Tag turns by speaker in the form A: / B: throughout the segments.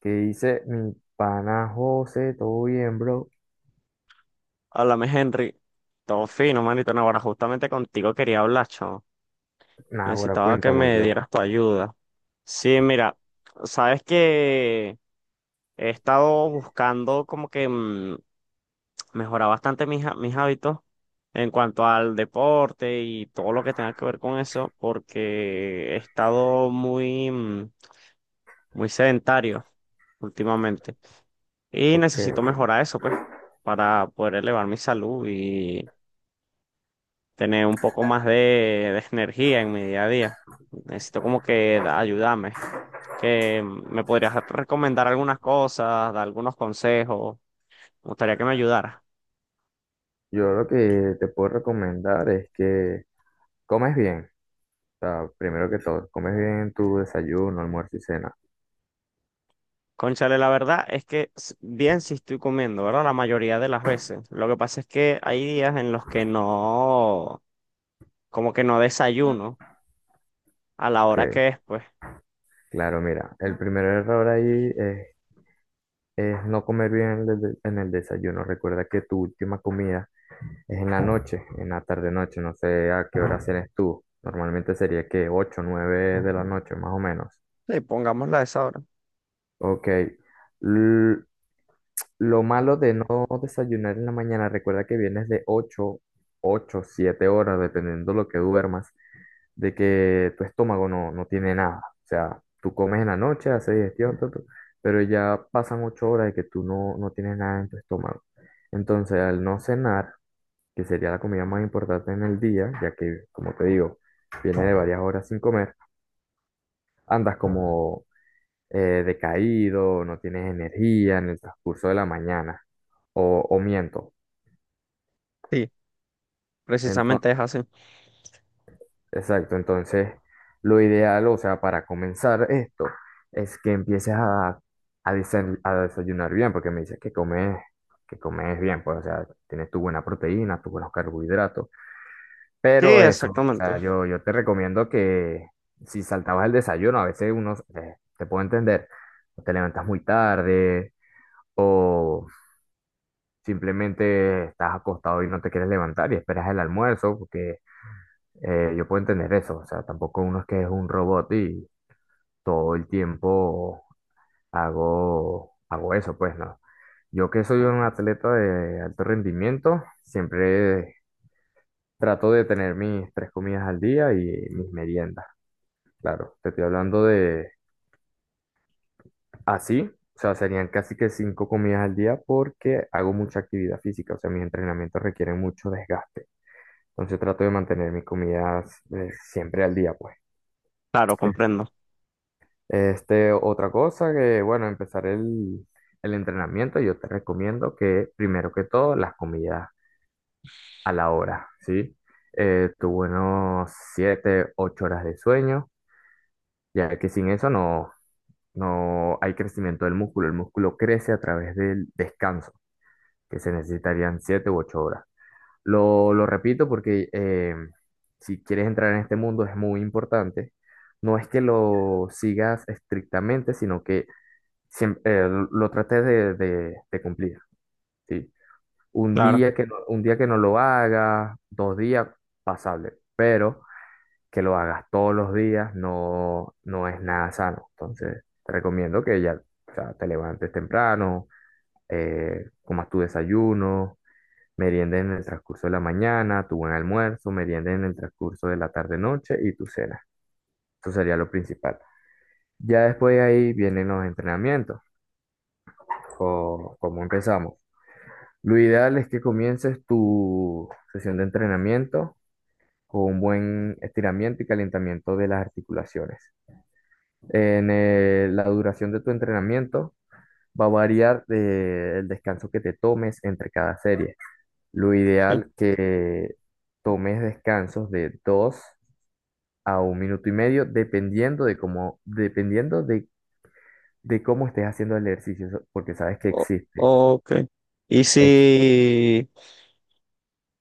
A: Que dice mi pana José, todo bien, bro.
B: Háblame, Henry. Todo fino, manito. No, ahora justamente contigo quería hablar, chamo.
A: Nah, ahora
B: Necesitaba que me
A: cuéntamelo.
B: dieras tu ayuda. Sí, mira, sabes que he estado buscando mejorar bastante mis hábitos en cuanto al deporte y todo lo que tenga que ver con eso, porque he estado muy sedentario últimamente. Y
A: Porque
B: necesito mejorar eso, pues, para poder elevar mi salud tener un poco más de energía en mi día a día. Necesito ayudarme. Que me podrías recomendar algunas cosas, dar algunos consejos. Me gustaría que me ayudara.
A: yo lo que te puedo recomendar es que comes bien. O sea, primero que todo, comes bien tu desayuno, almuerzo y cena.
B: Cónchale, la verdad es que bien si estoy comiendo, ¿verdad? La mayoría de las veces. Lo que pasa es que hay días en los que no, como que no desayuno a la hora
A: Ok,
B: que es, pues.
A: claro, mira, el primer error ahí es no comer bien en en el desayuno. Recuerda que tu última comida es en la noche, en la tarde-noche. No sé a qué hora cenes tú. Normalmente sería que 8 9 de la noche, más o menos.
B: Sí, pongámosla a esa hora.
A: Ok, L- lo malo de no desayunar en la mañana, recuerda que vienes de 8 8 7 horas, dependiendo lo que duermas, de que tu estómago no tiene nada. O sea, tú comes en la noche, haces digestión, pero ya pasan 8 horas de que tú no tienes nada en tu estómago. Entonces, al no cenar, que sería la comida más importante en el día, ya que, como te digo, viene de varias horas sin comer, andas como decaído, no tienes energía en el transcurso de la mañana. ¿O, o miento?
B: Sí,
A: Entonces,
B: precisamente es así.
A: exacto, entonces lo ideal, o sea, para comenzar esto, es que empieces a desayunar bien, porque me dices que comes bien, pues, o sea, tienes tu buena proteína, tus buenos carbohidratos,
B: Sí,
A: pero eso, o
B: exactamente.
A: sea, yo te recomiendo que si saltabas el desayuno, a veces uno, te puedo entender, o te levantas muy tarde, o simplemente estás acostado y no te quieres levantar y esperas el almuerzo, porque yo puedo entender eso, o sea, tampoco uno es que es un robot y todo el tiempo hago eso, pues no. Yo que soy un atleta de alto rendimiento, siempre trato de tener mis tres comidas al día y mis meriendas. Claro, te estoy hablando de así, o sea, serían casi que cinco comidas al día porque hago mucha actividad física, o sea, mis entrenamientos requieren mucho desgaste. Entonces trato de mantener mis comidas siempre al día, pues.
B: Claro, comprendo.
A: Este, otra cosa que, bueno, empezar el entrenamiento, yo te recomiendo que primero que todo las comidas a la hora, ¿sí? Tu buenos 7 8 horas de sueño, ya que sin eso no hay crecimiento del músculo. El músculo crece a través del descanso, que se necesitarían 7 u 8 horas. Lo repito porque si quieres entrar en este mundo es muy importante. No es que lo sigas estrictamente, sino que lo traté de cumplir, ¿sí? Un
B: Claro.
A: día que no, un día que no lo hagas, dos días, pasable, pero que lo hagas todos los días no, no es nada sano. Entonces, te recomiendo que ya, o sea, te levantes temprano, comas tu desayuno, merienda en el transcurso de la mañana, tu buen almuerzo, merienda en el transcurso de la tarde-noche y tu cena. Eso sería lo principal. Ya después de ahí vienen los entrenamientos. O ¿cómo empezamos? Lo ideal es que comiences tu sesión de entrenamiento con un buen estiramiento y calentamiento de las articulaciones. En La duración de tu entrenamiento va a variar el descanso que te tomes entre cada serie. Lo
B: Sí.
A: ideal que tomes descansos de 2 a un minuto y medio, dependiendo de cómo estés haciendo el ejercicio, porque sabes que
B: O-
A: existe.
B: ok. Y si,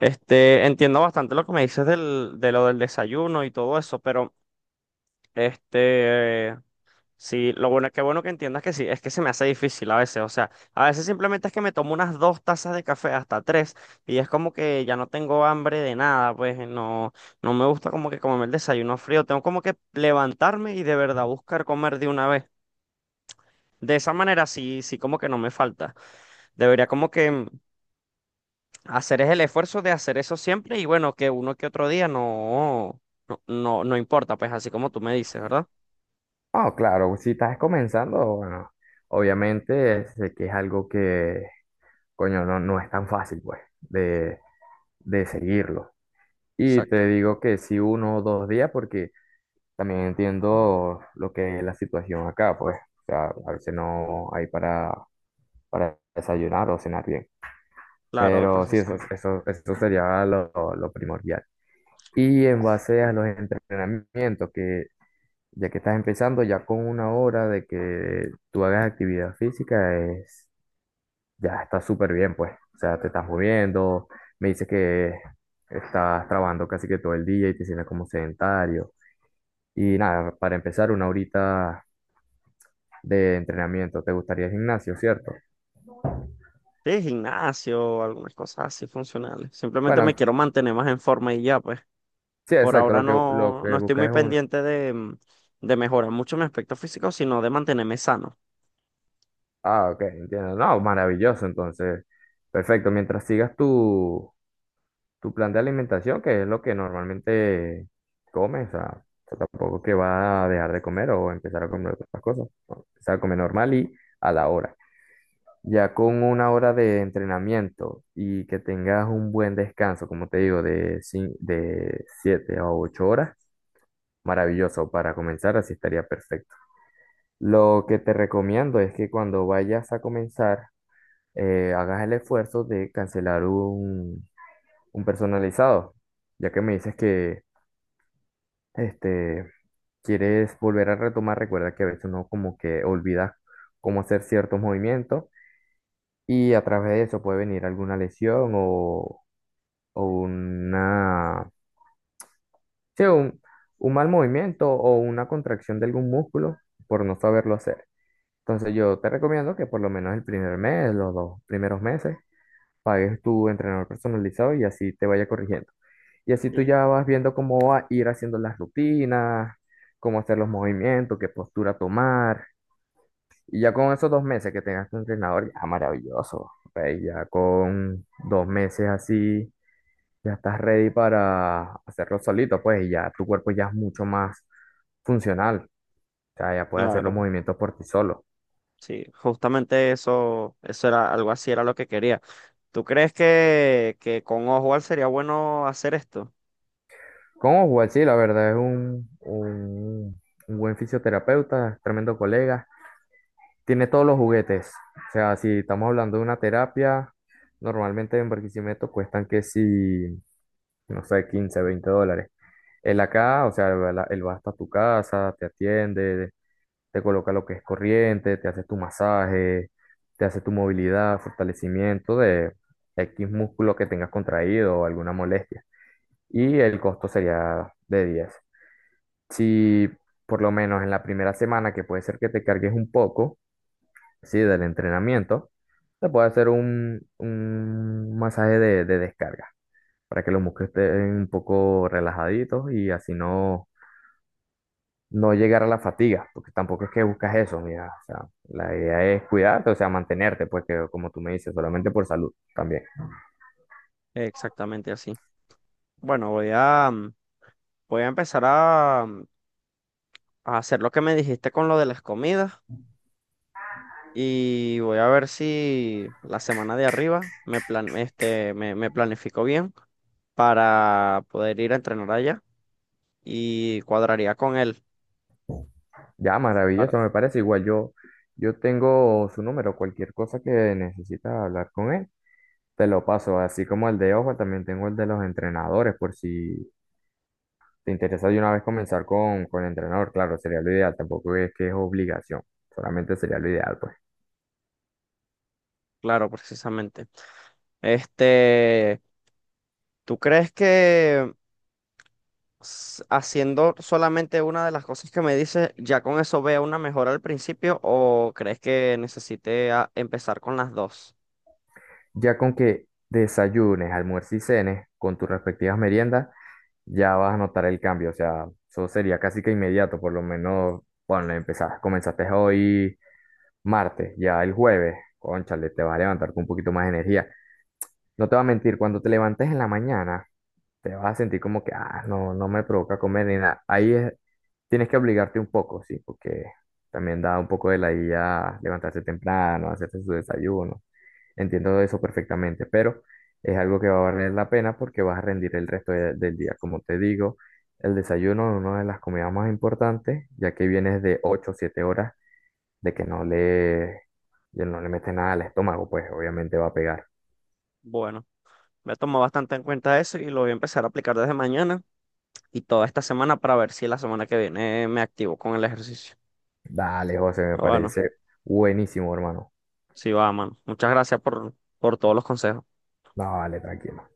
B: este, entiendo bastante lo que me dices de lo del desayuno y todo eso, pero, este, sí, lo bueno, qué bueno que entiendas que sí, es que se me hace difícil a veces, o sea, a veces simplemente es que me tomo unas dos tazas de café, hasta tres, y es como que ya no tengo hambre de nada, pues, no, no me gusta como que comerme el desayuno frío, tengo como que levantarme y de verdad buscar comer de una vez. De esa manera sí, sí como que no me falta. Debería como que hacer es el esfuerzo de hacer eso siempre y bueno, que uno que otro día no importa, pues así como tú me dices, ¿verdad?
A: Ah, claro, si estás comenzando, bueno, obviamente sé que es algo que, coño, no es tan fácil, pues, de seguirlo. Y te
B: Exacto.
A: digo que sí uno o dos días, porque también entiendo lo que es la situación acá, pues, o sea, a veces no hay para desayunar o cenar bien.
B: Claro,
A: Pero sí, eso,
B: precisamente.
A: eso, eso sería lo primordial. Y en base a los entrenamientos, que ya que estás empezando, ya con una hora de que tú hagas actividad física, es, ya está súper bien, pues. O sea, te estás moviendo, me dices que estás trabajando casi que todo el día y te sientes como sedentario. Y nada, para empezar, una horita de entrenamiento. ¿Te gustaría el gimnasio, cierto?
B: Sí, gimnasio, algunas cosas así funcionales. Simplemente me
A: Bueno,
B: quiero mantener más en forma y ya, pues.
A: sí,
B: Por
A: exacto.
B: ahora
A: Lo que, lo
B: no,
A: que
B: no estoy
A: buscas
B: muy
A: es un...
B: pendiente de mejorar mucho mi aspecto físico, sino de mantenerme sano.
A: Ah, ok, entiendo. No, maravilloso, entonces. Perfecto. Mientras sigas tú tu plan de alimentación, que es lo que normalmente comes, o sea, tampoco que va a dejar de comer o empezar a comer otras cosas, ¿no? Empezar a comer normal y a la hora. Ya con una hora de entrenamiento y que tengas un buen descanso, como te digo, de 7 a 8 horas, maravilloso. Para comenzar, así estaría perfecto. Lo que te recomiendo es que cuando vayas a comenzar, hagas el esfuerzo de cancelar un personalizado, ya que me dices que este, quieres volver a retomar, recuerda que a veces uno como que olvida cómo hacer ciertos movimientos y a través de eso puede venir alguna lesión o sí, un, un mal movimiento o una contracción de algún músculo por no saberlo hacer. Entonces yo te recomiendo que por lo menos el primer mes, los dos primeros meses, pagues tu entrenador personalizado y así te vaya corrigiendo. Y así tú
B: Sí.
A: ya vas viendo cómo va a ir haciendo las rutinas, cómo hacer los movimientos, qué postura tomar. Y ya con esos dos meses que tengas tu entrenador, ya maravilloso, pues. Ya con dos meses así, ya estás ready para hacerlo solito, pues, y ya tu cuerpo ya es mucho más funcional. O sea, ya puedes hacer los
B: Claro,
A: movimientos por ti solo.
B: sí, justamente eso, eso era algo así, era lo que quería. ¿Tú crees que con Oswald sería bueno hacer esto?
A: Con Oswald, sí, la verdad es un buen fisioterapeuta, tremendo colega. Tiene todos los juguetes. O sea, si estamos hablando de una terapia, normalmente en Barquisimeto cuestan que si, no sé, 15 20 dólares. Él acá, o sea, él va hasta tu casa, te atiende, te coloca lo que es corriente, te hace tu masaje, te hace tu movilidad, fortalecimiento de X músculo que tengas contraído o alguna molestia. Y el costo sería de diez. Si por lo menos en la primera semana, que puede ser que te cargues un poco, sí, del entrenamiento, se puede hacer un masaje de descarga para que los músculos estén un poco relajaditos y así no llegar a la fatiga, porque tampoco es que buscas eso, mira, o sea, la idea es cuidarte, o sea, mantenerte, pues, que como tú me dices, solamente por salud también.
B: Exactamente así. Bueno, voy a empezar a hacer lo que me dijiste con lo de las comidas y voy a ver si la semana de arriba me planifico bien para poder ir a entrenar allá y cuadraría con él.
A: Ya,
B: para-
A: maravilloso, me parece igual. Yo tengo su número, cualquier cosa que necesitas hablar con él. Te lo paso, así como el de Ojo, también tengo el de los entrenadores, por si te interesa de una vez comenzar con el entrenador, claro, sería lo ideal, tampoco es que es obligación, solamente sería lo ideal, pues.
B: claro, precisamente. Este, ¿tú crees que haciendo solamente una de las cosas que me dices, ya con eso vea una mejora al principio o crees que necesite empezar con las dos?
A: Ya con que desayunes, almuerces y cenes con tus respectivas meriendas, ya vas a notar el cambio, o sea, eso sería casi que inmediato, por lo menos, bueno, empezaste, comenzaste hoy martes, ya el jueves, cónchale, te vas a levantar con un poquito más de energía. No te voy a mentir, cuando te levantes en la mañana, te vas a sentir como que, ah, no me provoca comer ni nada. Ahí es, tienes que obligarte un poco, sí, porque también da un poco de la idea levantarse temprano, hacerse su desayuno. Entiendo eso perfectamente, pero es algo que va a valer la pena porque vas a rendir el resto del día. Como te digo, el desayuno es una de las comidas más importantes, ya que vienes de 8 o 7 horas de que no le, ya no le metes nada al estómago, pues obviamente va a pegar.
B: Bueno. Me tomo bastante en cuenta eso y lo voy a empezar a aplicar desde mañana y toda esta semana para ver si la semana que viene me activo con el ejercicio.
A: Dale, José, me
B: Pero bueno,
A: parece buenísimo, hermano.
B: sí va, mano. Muchas gracias por todos los consejos.
A: Dale, tranquilo.